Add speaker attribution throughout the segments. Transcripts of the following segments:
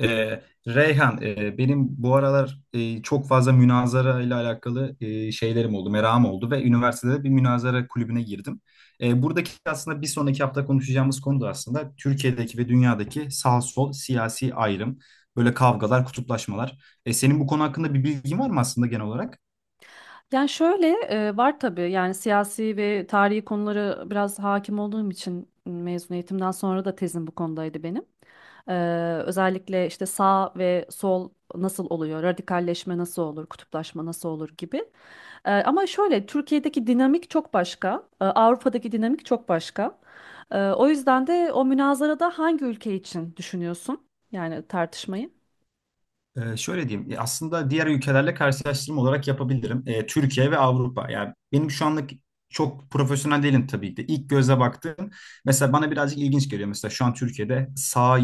Speaker 1: Ee, Reyhan, benim bu aralar çok fazla münazara ile alakalı şeylerim oldu, merakım oldu ve üniversitede bir münazara kulübüne girdim. Buradaki aslında bir sonraki hafta konuşacağımız konu da aslında Türkiye'deki ve dünyadaki sağ sol siyasi ayrım, böyle kavgalar, kutuplaşmalar. Senin bu konu hakkında bir bilgin var mı aslında genel olarak?
Speaker 2: Yani şöyle var tabii yani siyasi ve tarihi konuları biraz hakim olduğum için mezun eğitimden sonra da tezim bu konudaydı benim. Ee, Özellikle işte sağ ve sol nasıl oluyor, radikalleşme nasıl olur, kutuplaşma nasıl olur gibi. Ama şöyle Türkiye'deki dinamik çok başka, Avrupa'daki dinamik çok başka. O yüzden de o münazarada hangi ülke için düşünüyorsun yani tartışmayı?
Speaker 1: Şöyle diyeyim, aslında diğer ülkelerle karşılaştırma olarak yapabilirim. Türkiye ve Avrupa. Yani benim şu anlık çok profesyonel değilim tabii ki de. İlk göze baktığım, mesela bana birazcık ilginç geliyor. Mesela şu an Türkiye'de sağa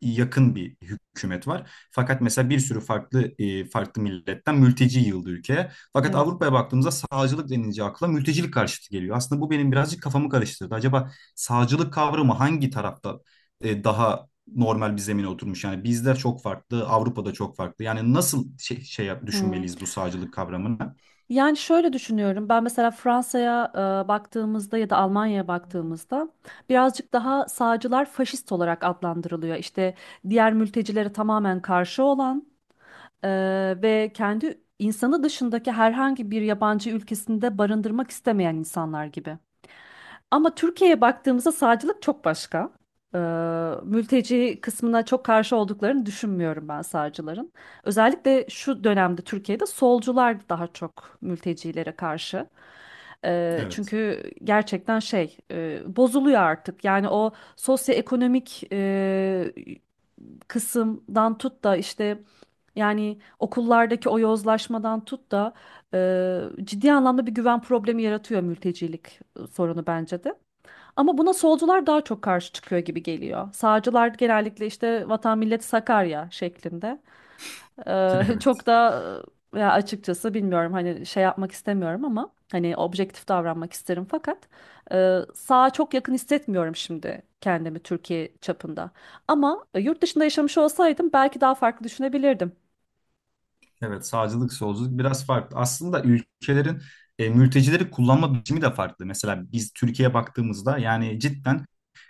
Speaker 1: yakın bir hükümet var. Fakat mesela bir sürü farklı milletten mülteci yığıldı ülkeye. Fakat
Speaker 2: Evet.
Speaker 1: Avrupa'ya baktığımızda sağcılık denince akla mültecilik karşıtı geliyor. Aslında bu benim birazcık kafamı karıştırdı. Acaba sağcılık kavramı hangi tarafta daha normal bir zemine oturmuş? Yani bizde çok farklı, Avrupa'da çok farklı. Yani nasıl şey
Speaker 2: Hmm.
Speaker 1: düşünmeliyiz bu sağcılık kavramını?
Speaker 2: Yani şöyle düşünüyorum. Ben mesela Fransa'ya baktığımızda ya da Almanya'ya baktığımızda birazcık daha sağcılar faşist olarak adlandırılıyor. İşte diğer mültecilere tamamen karşı olan e, ve kendi insanı dışındaki herhangi bir yabancı ülkesinde barındırmak istemeyen insanlar gibi. Ama Türkiye'ye baktığımızda sağcılık çok başka. Ee, Mülteci kısmına çok karşı olduklarını düşünmüyorum ben sağcıların. Özellikle şu dönemde Türkiye'de solcular daha çok mültecilere karşı.
Speaker 1: Evet.
Speaker 2: Çünkü gerçekten şey bozuluyor artık. Yani o sosyoekonomik kısımdan tut da işte yani okullardaki o yozlaşmadan tut da ciddi anlamda bir güven problemi yaratıyor mültecilik sorunu bence de. Ama buna solcular daha çok karşı çıkıyor gibi geliyor. Sağcılar genellikle işte vatan millet Sakarya şeklinde. Çok
Speaker 1: Evet.
Speaker 2: da ya açıkçası bilmiyorum hani şey yapmak istemiyorum ama hani objektif davranmak isterim fakat sağa çok yakın hissetmiyorum şimdi kendimi Türkiye çapında. Ama yurt dışında yaşamış olsaydım belki daha farklı düşünebilirdim.
Speaker 1: Evet, sağcılık, solculuk biraz farklı. Aslında ülkelerin mültecileri kullanma biçimi de farklı. Mesela biz Türkiye'ye baktığımızda yani cidden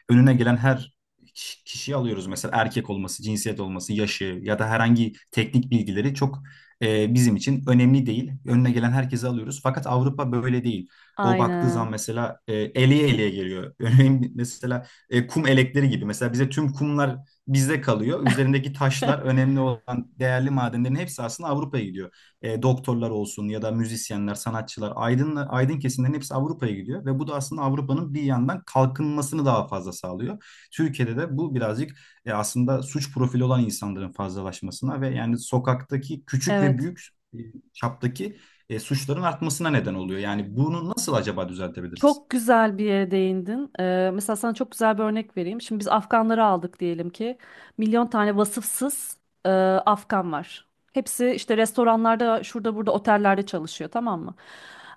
Speaker 1: önüne gelen her kişiyi alıyoruz. Mesela erkek olması, cinsiyet olması, yaşı ya da herhangi teknik bilgileri çok bizim için önemli değil. Önüne gelen herkesi alıyoruz. Fakat Avrupa böyle değil. O baktığı zaman
Speaker 2: Aynen.
Speaker 1: mesela eleye eleye geliyor. Örneğin mesela kum elekleri gibi. Mesela bize tüm kumlar bizde kalıyor. Üzerindeki taşlar, önemli olan değerli madenlerin hepsi aslında Avrupa'ya gidiyor, doktorlar olsun ya da müzisyenler, sanatçılar, aydın, aydın kesimlerin hepsi Avrupa'ya gidiyor ve bu da aslında Avrupa'nın bir yandan kalkınmasını daha fazla sağlıyor. Türkiye'de de bu birazcık aslında suç profili olan insanların fazlalaşmasına ve yani sokaktaki küçük ve
Speaker 2: Evet.
Speaker 1: büyük e, çaptaki suçların artmasına neden oluyor. Yani bunu nasıl acaba düzeltebiliriz?
Speaker 2: Çok güzel bir yere değindin. Mesela sana çok güzel bir örnek vereyim. Şimdi biz Afganları aldık diyelim ki. Milyon tane vasıfsız e, Afgan var. Hepsi işte restoranlarda, şurada burada otellerde çalışıyor, tamam mı?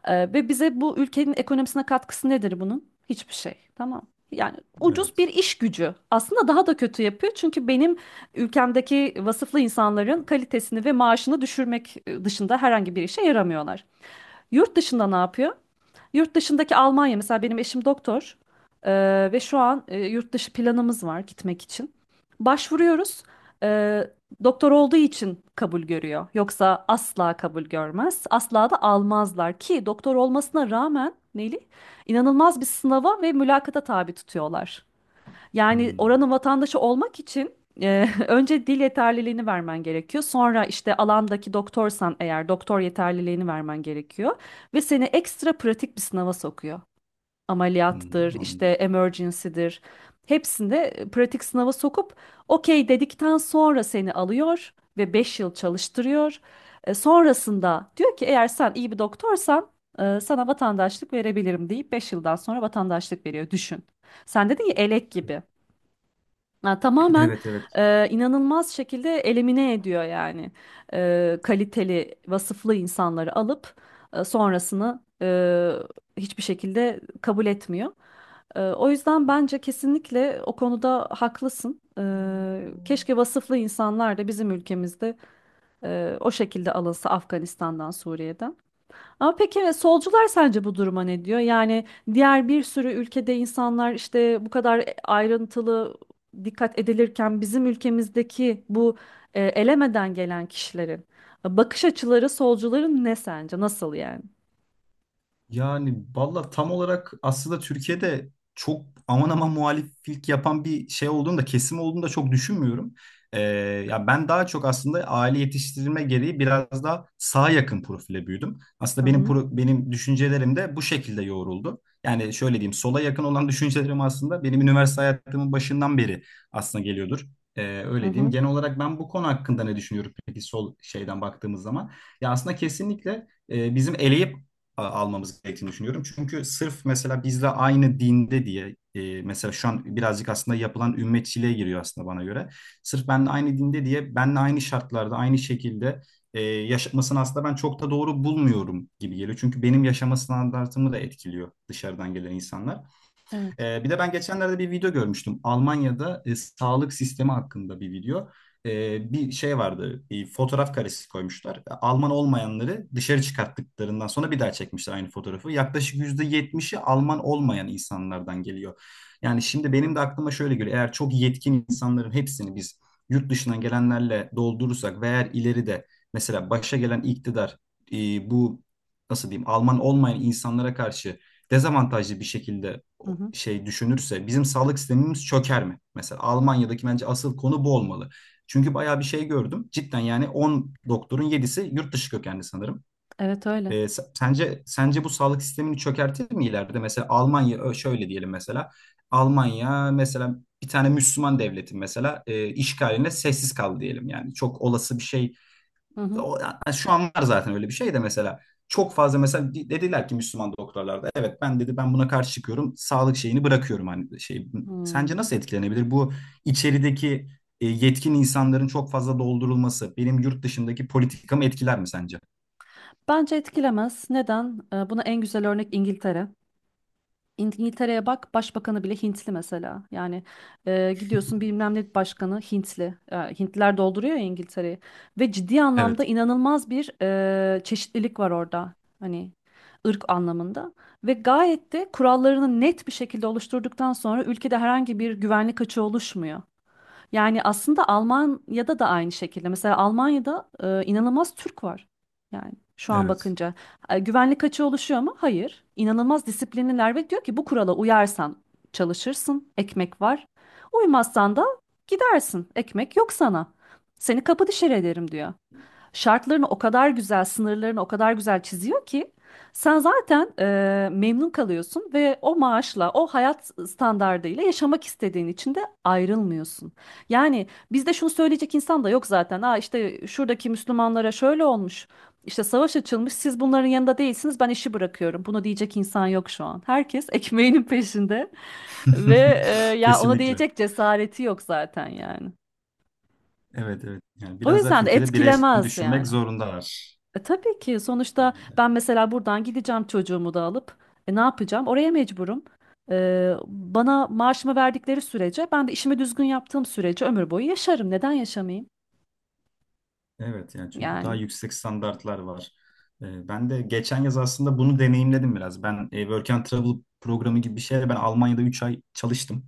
Speaker 2: Ve bize bu ülkenin ekonomisine katkısı nedir bunun? Hiçbir şey, tamam. Yani ucuz bir
Speaker 1: Evet.
Speaker 2: iş gücü. Aslında daha da kötü yapıyor. Çünkü benim ülkemdeki vasıflı insanların kalitesini ve maaşını düşürmek dışında herhangi bir işe yaramıyorlar. Yurt dışında ne yapıyor? Yurt dışındaki Almanya mesela benim eşim doktor. Ve şu an yurt dışı planımız var gitmek için. Başvuruyoruz. Ee, Doktor olduğu için kabul görüyor. Yoksa asla kabul görmez. Asla da almazlar ki doktor olmasına rağmen Neli inanılmaz bir sınava ve mülakata tabi tutuyorlar. Yani
Speaker 1: Hmm,
Speaker 2: oranın vatandaşı olmak için önce dil yeterliliğini vermen gerekiyor. Sonra işte alandaki doktorsan eğer doktor yeterliliğini vermen gerekiyor. Ve seni ekstra pratik bir sınava sokuyor. Ameliyattır,
Speaker 1: hmm,
Speaker 2: işte
Speaker 1: anladım.
Speaker 2: emergency'dir. Hepsinde pratik sınava sokup okey dedikten sonra seni alıyor ve 5 yıl çalıştırıyor. Sonrasında diyor ki eğer sen iyi bir doktorsan sana vatandaşlık verebilirim deyip 5 yıldan sonra vatandaşlık veriyor. Düşün. Sen dedin ya elek gibi. Ha, tamamen
Speaker 1: Evet, evet.
Speaker 2: inanılmaz şekilde elimine ediyor yani. Kaliteli vasıflı insanları alıp sonrasını hiçbir şekilde kabul etmiyor. O yüzden bence kesinlikle o konuda haklısın. Keşke vasıflı insanlar da bizim ülkemizde o şekilde alınsa Afganistan'dan, Suriye'den. Ama peki evet, solcular sence bu duruma ne diyor? Yani diğer bir sürü ülkede insanlar işte bu kadar ayrıntılı dikkat edilirken bizim ülkemizdeki bu elemeden gelen kişilerin bakış açıları solcuların ne sence? Nasıl yani?
Speaker 1: Yani valla tam olarak aslında Türkiye'de çok aman aman muhaliflik yapan bir şey olduğunu da kesim olduğunu da çok düşünmüyorum. Ee, ya ben daha çok aslında aile yetiştirilme gereği biraz daha sağa yakın profile büyüdüm.
Speaker 2: Hı
Speaker 1: Aslında
Speaker 2: hı,
Speaker 1: benim düşüncelerim de bu şekilde yoğruldu. Yani şöyle diyeyim, sola yakın olan düşüncelerim aslında benim üniversite hayatımın başından beri aslında geliyordur.
Speaker 2: hı
Speaker 1: Öyle diyeyim.
Speaker 2: hı,
Speaker 1: Genel olarak ben bu konu hakkında ne düşünüyorum peki sol şeyden baktığımız zaman? Ya aslında kesinlikle bizim eleyip almamız gerektiğini düşünüyorum. Çünkü sırf mesela bizle aynı dinde diye, mesela şu an birazcık aslında yapılan ümmetçiliğe giriyor aslında bana göre. Sırf benle aynı dinde diye benle aynı şartlarda aynı şekilde yaşatmasını aslında ben çok da doğru bulmuyorum gibi geliyor. Çünkü benim yaşama standartımı da etkiliyor dışarıdan gelen insanlar.
Speaker 2: evet.
Speaker 1: Bir de ben geçenlerde bir video görmüştüm. Almanya'da sağlık sistemi hakkında bir video. Bir şey vardı, bir fotoğraf karesi koymuşlar. Alman olmayanları dışarı çıkarttıklarından sonra bir daha çekmişler aynı fotoğrafı. Yaklaşık %70'i Alman olmayan insanlardan geliyor. Yani şimdi benim de aklıma şöyle geliyor. Eğer çok yetkin insanların hepsini biz yurt dışından gelenlerle doldurursak ve eğer ileride mesela başa gelen iktidar, bu nasıl diyeyim, Alman olmayan insanlara karşı dezavantajlı bir şekilde
Speaker 2: Hı hı,
Speaker 1: şey düşünürse bizim sağlık sistemimiz çöker mi? Mesela Almanya'daki bence asıl konu bu olmalı. Çünkü bayağı bir şey gördüm. Cidden yani 10 doktorun 7'si yurt dışı kökenli sanırım.
Speaker 2: evet öyle.
Speaker 1: Ee, sence bu sağlık sistemini çökertir mi ileride? Mesela Almanya şöyle diyelim mesela. Almanya mesela bir tane Müslüman devletin mesela işgaline sessiz kaldı diyelim yani. Çok olası bir şey,
Speaker 2: Hı hı.
Speaker 1: o, yani şu an var zaten öyle bir şey de, mesela çok fazla mesela dediler ki Müslüman doktorlarda, evet ben dedi, ben buna karşı çıkıyorum, sağlık şeyini bırakıyorum hani şey, sence
Speaker 2: Hmm.
Speaker 1: nasıl etkilenebilir bu içerideki yetkin insanların çok fazla doldurulması benim yurt dışındaki politikamı etkiler mi sence?
Speaker 2: Bence etkilemez. Neden? Buna en güzel örnek İngiltere. İngiltere'ye bak başbakanı bile Hintli mesela. Yani gidiyorsun bilmem ne başkanı Hintli. E, Hintliler dolduruyor ya İngiltere'yi. Ve ciddi anlamda
Speaker 1: Evet,
Speaker 2: inanılmaz bir çeşitlilik var orada. Hani ırk anlamında. Ve gayet de kurallarını net bir şekilde oluşturduktan sonra ülkede herhangi bir güvenlik açığı oluşmuyor. Yani aslında Almanya'da da aynı şekilde. Mesela Almanya'da inanılmaz Türk var. Yani şu an
Speaker 1: evet.
Speaker 2: bakınca, güvenlik açığı oluşuyor mu? Hayır. İnanılmaz disiplinliler ve diyor ki bu kurala uyarsan çalışırsın, ekmek var. Uymazsan da gidersin, ekmek yok sana. Seni kapı dışarı ederim diyor, şartlarını o kadar güzel, sınırlarını o kadar güzel çiziyor ki sen zaten memnun kalıyorsun ve o maaşla, o hayat standardıyla yaşamak istediğin için de ayrılmıyorsun. Yani bizde şunu söyleyecek insan da yok zaten. Aa işte şuradaki Müslümanlara şöyle olmuş. İşte savaş açılmış, siz bunların yanında değilsiniz, ben işi bırakıyorum. Bunu diyecek insan yok şu an. Herkes ekmeğinin peşinde ve e, ya ona
Speaker 1: Kesinlikle.
Speaker 2: diyecek cesareti yok zaten yani.
Speaker 1: Evet, evet. Yani
Speaker 2: O
Speaker 1: biraz daha
Speaker 2: yüzden de
Speaker 1: Türkiye'de bireysel
Speaker 2: etkilemez
Speaker 1: düşünmek
Speaker 2: yani.
Speaker 1: zorundalar.
Speaker 2: Tabii ki sonuçta
Speaker 1: Yani
Speaker 2: ben mesela buradan gideceğim çocuğumu da alıp ne yapacağım? Oraya mecburum. Bana maaşımı verdikleri sürece ben de işimi düzgün yaptığım sürece ömür boyu yaşarım. Neden yaşamayayım?
Speaker 1: evet, yani çünkü daha
Speaker 2: Yani.
Speaker 1: yüksek standartlar var. Ben de geçen yaz aslında bunu deneyimledim biraz. Ben Work and Travel programı gibi bir şeyle ben Almanya'da 3 ay çalıştım.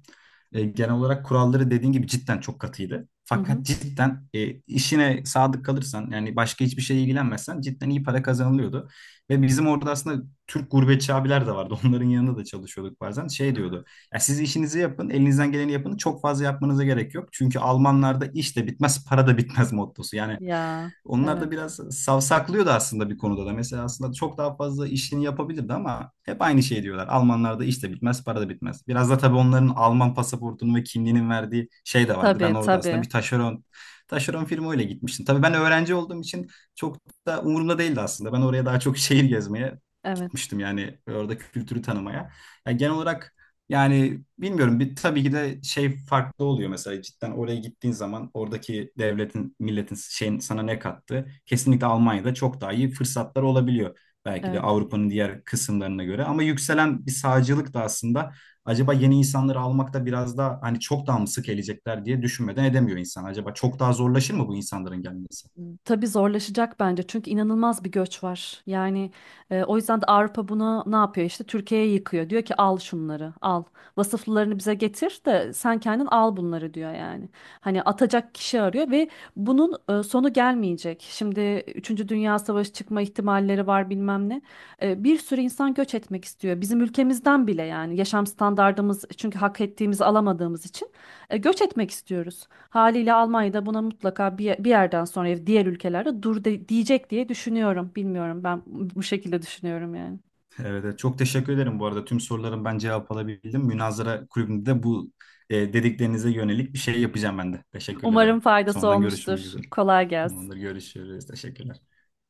Speaker 1: Genel olarak kuralları dediğin gibi cidden çok katıydı.
Speaker 2: Hı hı.
Speaker 1: Fakat cidden işine sadık kalırsan yani başka hiçbir şeye ilgilenmezsen cidden iyi para kazanılıyordu. Ve bizim orada aslında Türk gurbetçi abiler de vardı. Onların yanında da çalışıyorduk bazen. Şey diyordu. Ya siz işinizi yapın, elinizden geleni yapın. Çok fazla yapmanıza gerek yok. Çünkü Almanlarda iş de bitmez, para da bitmez mottosu. Yani
Speaker 2: Ya
Speaker 1: onlar
Speaker 2: evet.
Speaker 1: da biraz savsaklıyordu aslında bir konuda da. Mesela aslında çok daha fazla işini yapabilirdi ama hep aynı şey diyorlar. Almanlarda iş de bitmez, para da bitmez. Biraz da tabii onların Alman pasaportunun ve kimliğinin verdiği şey de vardı. Ben
Speaker 2: Tabii
Speaker 1: orada aslında
Speaker 2: tabii.
Speaker 1: bir taşeron firma öyle gitmiştim. Tabii ben öğrenci olduğum için çok da umurumda değildi aslında. Ben oraya daha çok şehir gezmeye
Speaker 2: Evet.
Speaker 1: gitmiştim, yani orada kültürü tanımaya. Yani genel olarak yani bilmiyorum, bir tabii ki de şey farklı oluyor mesela, cidden oraya gittiğin zaman oradaki devletin, milletin şeyin sana ne kattı? Kesinlikle Almanya'da çok daha iyi fırsatlar olabiliyor. Belki de
Speaker 2: Evet.
Speaker 1: Avrupa'nın diğer kısımlarına göre, ama yükselen bir sağcılık da aslında, acaba yeni insanları almakta biraz daha hani çok daha mı sık gelecekler diye düşünmeden edemiyor insan. Acaba çok daha zorlaşır mı bu insanların gelmesi?
Speaker 2: Tabii zorlaşacak bence çünkü inanılmaz bir göç var. Yani o yüzden de Avrupa buna ne yapıyor işte Türkiye'ye yıkıyor. Diyor ki al şunları, al vasıflarını bize getir de sen kendin al bunları diyor yani. Hani atacak kişi arıyor ve bunun sonu gelmeyecek. Şimdi üçüncü Dünya Savaşı çıkma ihtimalleri var bilmem ne. Bir sürü insan göç etmek istiyor bizim ülkemizden bile yani yaşam standardımız çünkü hak ettiğimizi alamadığımız için göç etmek istiyoruz. Haliyle Almanya'da buna mutlaka bir yerden sonra diğer ülkelerde diyecek diye düşünüyorum. Bilmiyorum ben bu şekilde düşünüyorum yani.
Speaker 1: Evet, evet. Çok teşekkür ederim bu arada. Tüm soruların ben cevap alabildim. Münazara kulübünde de bu dediklerinize yönelik bir şey yapacağım ben de. Teşekkür
Speaker 2: Umarım
Speaker 1: ederim.
Speaker 2: faydası
Speaker 1: Sonradan görüşmek
Speaker 2: olmuştur.
Speaker 1: üzere.
Speaker 2: Kolay gelsin.
Speaker 1: Ondan görüşürüz. Teşekkürler.